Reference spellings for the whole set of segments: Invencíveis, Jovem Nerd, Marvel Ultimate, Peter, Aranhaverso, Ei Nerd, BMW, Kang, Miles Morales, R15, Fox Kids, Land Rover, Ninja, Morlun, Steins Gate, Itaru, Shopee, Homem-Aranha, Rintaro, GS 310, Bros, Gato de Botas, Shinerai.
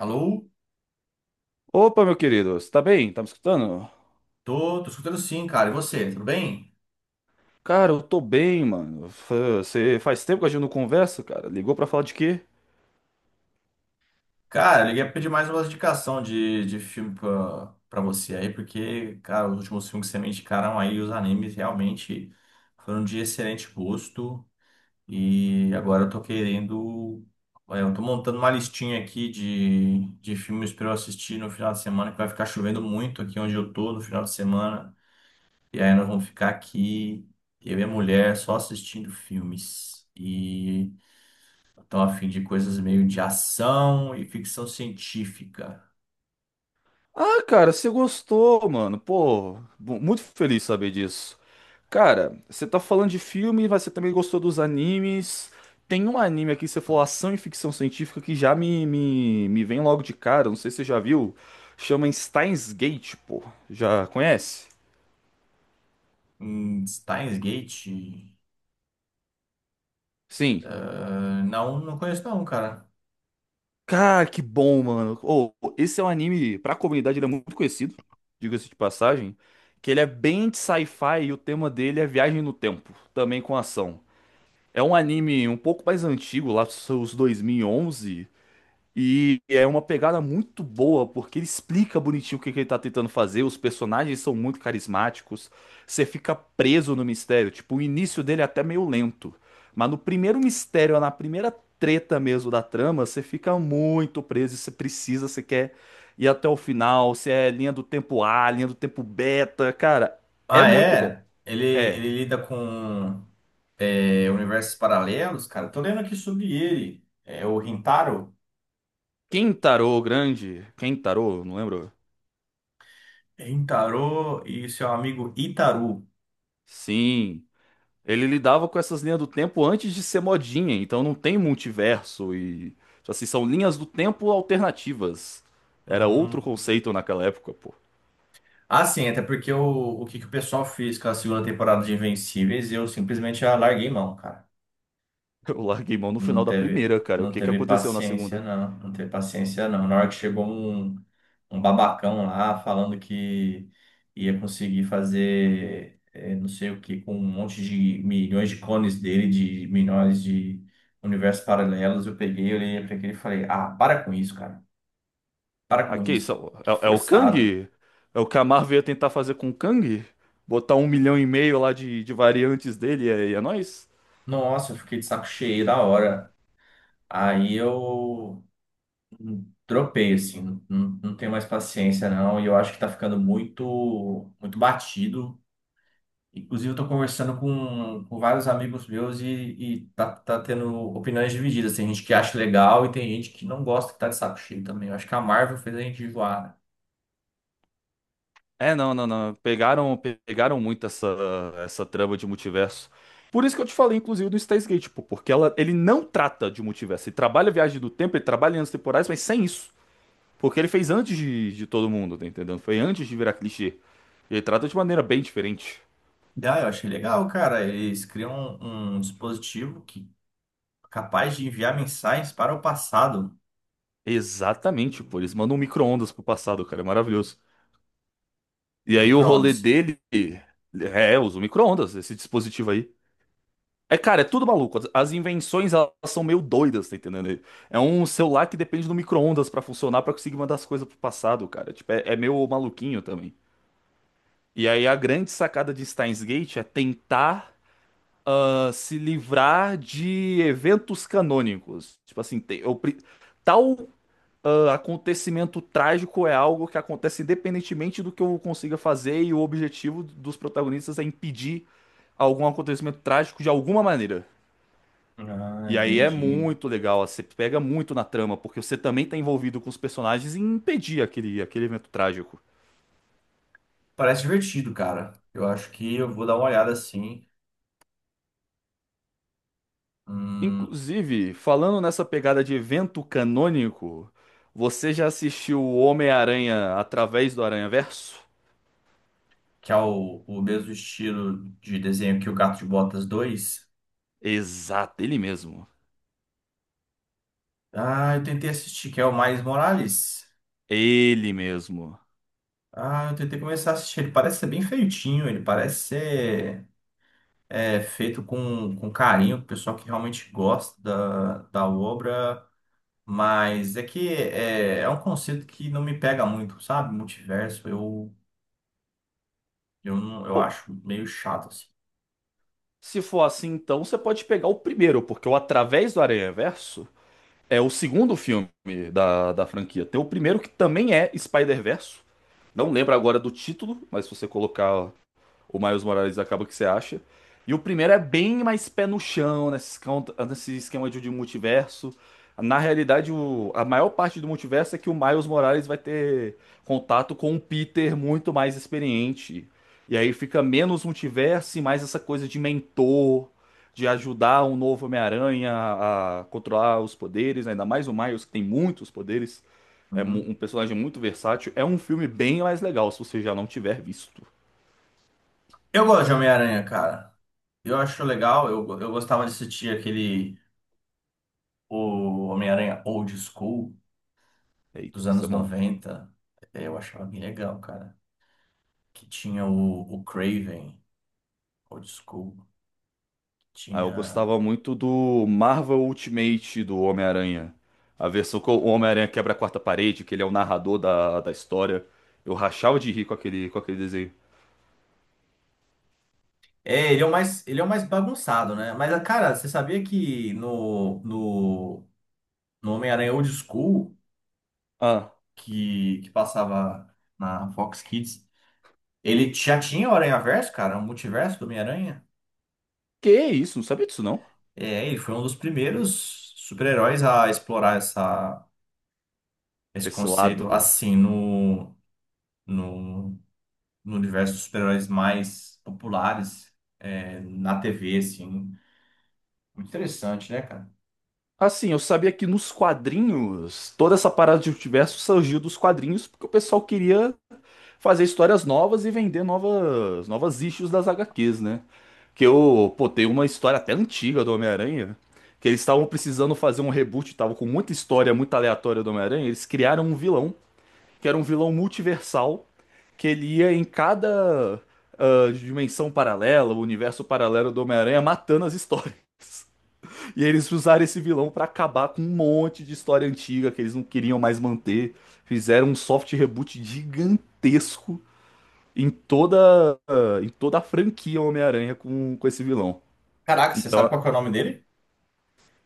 Alô? Opa, meu querido, você tá bem? Tá me escutando? Tô, escutando sim, cara. E você, tudo bem? Cara, eu tô bem, mano. Você faz tempo que a gente não conversa, cara. Ligou pra falar de quê? Cara, eu liguei pra pedir mais uma indicação de filme pra você aí, porque, cara, os últimos filmes que você me indicaram aí, os animes realmente foram de excelente gosto. E agora eu tô querendo. Olha, eu tô montando uma listinha aqui de filmes pra eu assistir no final de semana, que vai ficar chovendo muito aqui onde eu tô no final de semana. E aí nós vamos ficar aqui, eu e a mulher, só assistindo filmes. Tô a fim de coisas meio de ação e ficção científica. Ah, cara, você gostou, mano. Pô, muito feliz saber disso. Cara, você tá falando de filme, mas você também gostou dos animes. Tem um anime aqui, você falou ação e ficção científica, que já me vem logo de cara. Não sei se você já viu. Chama Steins Gate, pô. Já conhece? Steins Gate? Sim. Ah, não, conheço não, cara. Cara, que bom, mano. Ô, esse é um anime, pra comunidade, ele é muito conhecido, diga-se de passagem, que ele é bem de sci-fi e o tema dele é viagem no tempo, também com ação. É um anime um pouco mais antigo, lá dos seus 2011. E é uma pegada muito boa, porque ele explica bonitinho o que que ele tá tentando fazer, os personagens são muito carismáticos, você fica preso no mistério, tipo, o início dele é até meio lento, mas no primeiro mistério, na primeira treta mesmo da trama, você fica muito preso, e você precisa, você quer ir até o final, se é linha do tempo A, linha do tempo beta, cara, é Ah, muito bom. é? Ele, É. ele lida com universos paralelos, cara. Tô lendo aqui sobre ele. É o Rintaro. Kentaro Grande, Kentaro, não lembro? Rintaro e seu amigo Itaru. Sim. Ele lidava com essas linhas do tempo antes de ser modinha, então não tem multiverso e, tipo assim, são linhas do tempo alternativas. Era outro Hum. conceito naquela época, pô. Ah, sim, até porque o que o pessoal fez com a segunda temporada de Invencíveis, eu simplesmente já larguei mão, cara. Eu larguei mão no Não final da teve, primeira, cara. O não que que teve aconteceu na paciência, segunda? não. Não teve paciência, não. Na hora que chegou um babacão lá falando que ia conseguir fazer não sei o que com um monte de milhões de clones dele, de milhões de universos paralelos, eu peguei, olhei pra aquele e falei, ah, para com isso, cara. Para Ah, com que isso? isso. Que É, é o forçado. Kang? É o que a Marvel ia tentar fazer com o Kang? Botar um milhão e meio lá de variantes dele e é nóis? Nossa, eu fiquei de saco cheio da hora. Aí eu dropei, assim, não, não tenho mais paciência, não, e eu acho que tá ficando muito, muito batido. Inclusive, eu tô conversando com vários amigos meus e tá tendo opiniões divididas. Tem gente que acha legal e tem gente que não gosta, que tá de saco cheio também. Eu acho que a Marvel fez a gente enjoar. É, não, não, não. Pegaram, pegaram muito essa, essa trama de multiverso. Por isso que eu te falei, inclusive, do Steins Gate, pô, porque ela, ele não trata de multiverso. Ele trabalha a viagem do tempo, ele trabalha em anos temporais, mas sem isso. Porque ele fez antes de todo mundo, tá entendendo? Foi antes de virar clichê. Ele trata de maneira bem diferente. Né? Ah, eu achei legal, cara. Eles criam um dispositivo que é capaz de enviar mensagens para o passado, Exatamente, pô. Eles mandam um micro-ondas pro passado, cara. É maravilhoso. E no aí o rolê micro-ondas. dele é, usa o micro-ondas, esse dispositivo aí. É, cara, é tudo maluco. As invenções, elas são meio doidas, tá entendendo? É um celular que depende do micro-ondas pra funcionar, pra conseguir mandar as coisas pro passado, cara. Tipo, é meio maluquinho também. E aí a grande sacada de Steins Gate é tentar se livrar de eventos canônicos. Tipo assim, tal acontecimento trágico é algo que acontece independentemente do que eu consiga fazer, e o objetivo dos protagonistas é impedir algum acontecimento trágico de alguma maneira. Ah, E aí é entendi. muito legal, você pega muito na trama, porque você também tá envolvido com os personagens em impedir aquele evento trágico. Parece divertido, cara. Eu acho que eu vou dar uma olhada assim. Hum, Inclusive, falando nessa pegada de evento canônico, você já assistiu o Homem-Aranha através do Aranhaverso? que é o mesmo estilo de desenho que o Gato de Botas 2. Exato, ele mesmo. Ah, eu tentei assistir, que é o Miles Morales. Ele mesmo. Ah, eu tentei começar a assistir. Ele parece ser bem feitinho, ele parece ser feito com carinho, o pessoal que realmente gosta da obra. Mas é que é um conceito que não me pega muito, sabe? Multiverso, não, eu Pô, acho meio chato, assim. se for assim, então você pode pegar o primeiro, porque o Através do Aranhaverso é o segundo filme da franquia. Tem o primeiro que também é spider verse. Não lembro agora do título, mas se você colocar o Miles Morales acaba que você acha. E o primeiro é bem mais pé no chão, nesse esquema de multiverso. Na realidade, o- a maior parte do multiverso é que o Miles Morales vai ter contato com um Peter muito mais experiente. E aí fica menos multiverso e mais essa coisa de mentor, de ajudar um novo Homem-Aranha a controlar os poderes, né? Ainda mais o Miles, que tem muitos poderes. É Uhum. um personagem muito versátil. É um filme bem mais legal, se você já não tiver visto. Eu gosto de Homem-Aranha, cara. Eu acho legal, eu gostava de assistir aquele o Homem-Aranha Old School Eita, dos isso anos é bom. noventa eu achava bem legal, cara. Que tinha o Craven. Old School, Ah, eu tinha. gostava muito do Marvel Ultimate do Homem-Aranha. A versão que o Homem-Aranha quebra a quarta parede, que ele é o narrador da história. Eu rachava de rir com aquele desenho. É, ele é o mais, ele é o mais bagunçado, né? Mas, cara, você sabia que no Homem-Aranha Old School, Ah, que passava na Fox Kids, ele já tinha o Aranhaverso, cara, o multiverso do Homem-Aranha. que isso? Não sabia disso, não? É, ele foi um dos primeiros super-heróis a explorar essa, esse Esse lado. conceito assim no, no universo dos super-heróis mais populares na TV, assim. Muito interessante, né, cara? Assim, eu sabia que nos quadrinhos, toda essa parada de multiverso surgiu dos quadrinhos, porque o pessoal queria fazer histórias novas e vender novas, novas issues das HQs, né? Que eu, pô, tem uma história até antiga do Homem-Aranha, que eles estavam precisando fazer um reboot, estavam com muita história muito aleatória do Homem-Aranha, eles criaram um vilão, que era um vilão multiversal, que ele ia em cada dimensão paralela, o universo paralelo do Homem-Aranha, matando as histórias. E eles usaram esse vilão pra acabar com um monte de história antiga que eles não queriam mais manter. Fizeram um soft reboot gigantesco em toda, em toda a franquia Homem-Aranha com esse vilão. Caraca, você sabe Então, qual que é o nome dele?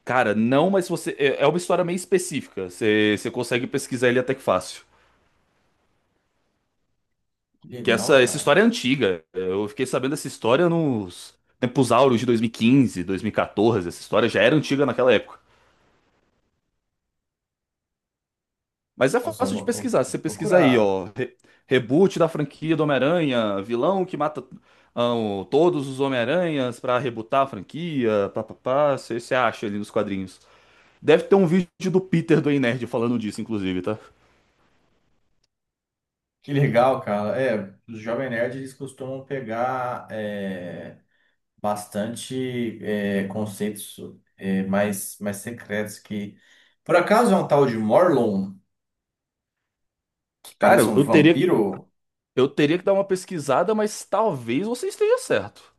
cara, não, mas você. É é uma história meio específica. Você consegue pesquisar ele até que fácil. Que Que legal, essa cara. história é antiga. Eu fiquei sabendo dessa história nos tempos áureos de 2015, 2014. Essa história já era antiga naquela época. Mas é Nossa, eu fácil vou, de eu pesquisar. vou Você pesquisa aí, procurar. ó. Reboot da franquia do Homem-Aranha, vilão que mata o- todos os Homem-Aranhas pra rebootar a franquia, papapá. Você acha ali nos quadrinhos. Deve ter um vídeo do Peter do Ei Nerd falando disso, inclusive, tá? Que legal, cara. É, os Jovem Nerd, eles costumam pegar bastante conceitos mais, mais secretos que... Por acaso é um tal de Morlun, que Cara, parece um eu teria, vampiro? O eu teria que dar uma pesquisada, mas talvez você esteja certo.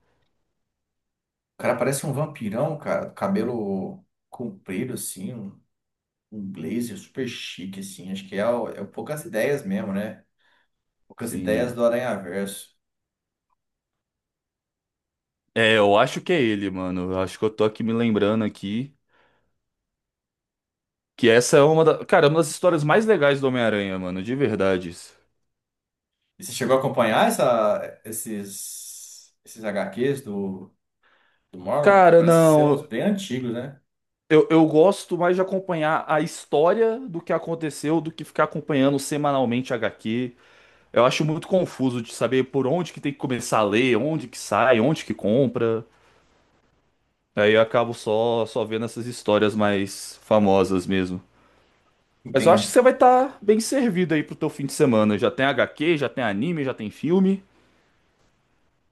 cara parece um vampirão, cara. Cabelo comprido, assim. Um um blazer super chique, assim. Acho que é, o- é o poucas ideias mesmo, né? Poucas ideias Sim. do Aranhaverso. É, eu acho que é ele, mano. Eu acho que eu tô aqui me lembrando aqui que essa é uma da, cara, uma das histórias mais legais do Homem-Aranha, mano, de verdade. E você chegou a acompanhar essa, esses, esses HQs do Marlon? Que Cara, parece ser uns não, bem antigos, né? eu gosto mais de acompanhar a história do que aconteceu do que ficar acompanhando semanalmente HQ. Eu acho muito confuso de saber por onde que tem que começar a ler, onde que sai, onde que compra. Aí eu acabo só, vendo essas histórias mais famosas mesmo. Mas eu acho que Entendi. você vai estar bem servido aí pro teu fim de semana. Já tem HQ, já tem anime, já tem filme.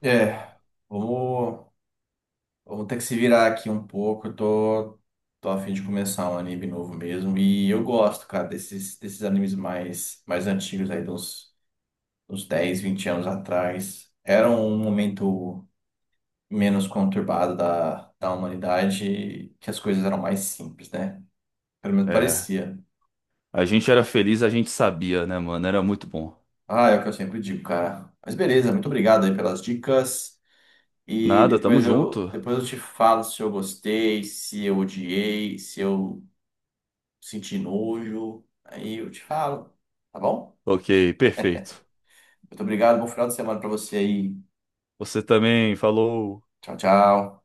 É, vamos, vamos ter que se virar aqui um pouco. Eu tô a fim de começar um anime novo mesmo. E eu gosto, cara, desses animes mais, mais antigos aí, dos, uns 10, 20 anos atrás. Era um momento menos conturbada da humanidade, que as coisas eram mais simples, né? Pelo menos É, parecia. a gente era feliz, a gente sabia, né, mano? Era muito bom. Ah, é o que eu sempre digo, cara. Mas beleza, muito obrigado aí pelas dicas. E Nada, tamo depois eu, junto. depois eu te falo se eu gostei, se eu odiei, se eu senti nojo. Aí eu te falo, tá bom? Ok, perfeito. Muito obrigado, bom final de semana pra você aí. Você também falou. Tchau, tchau.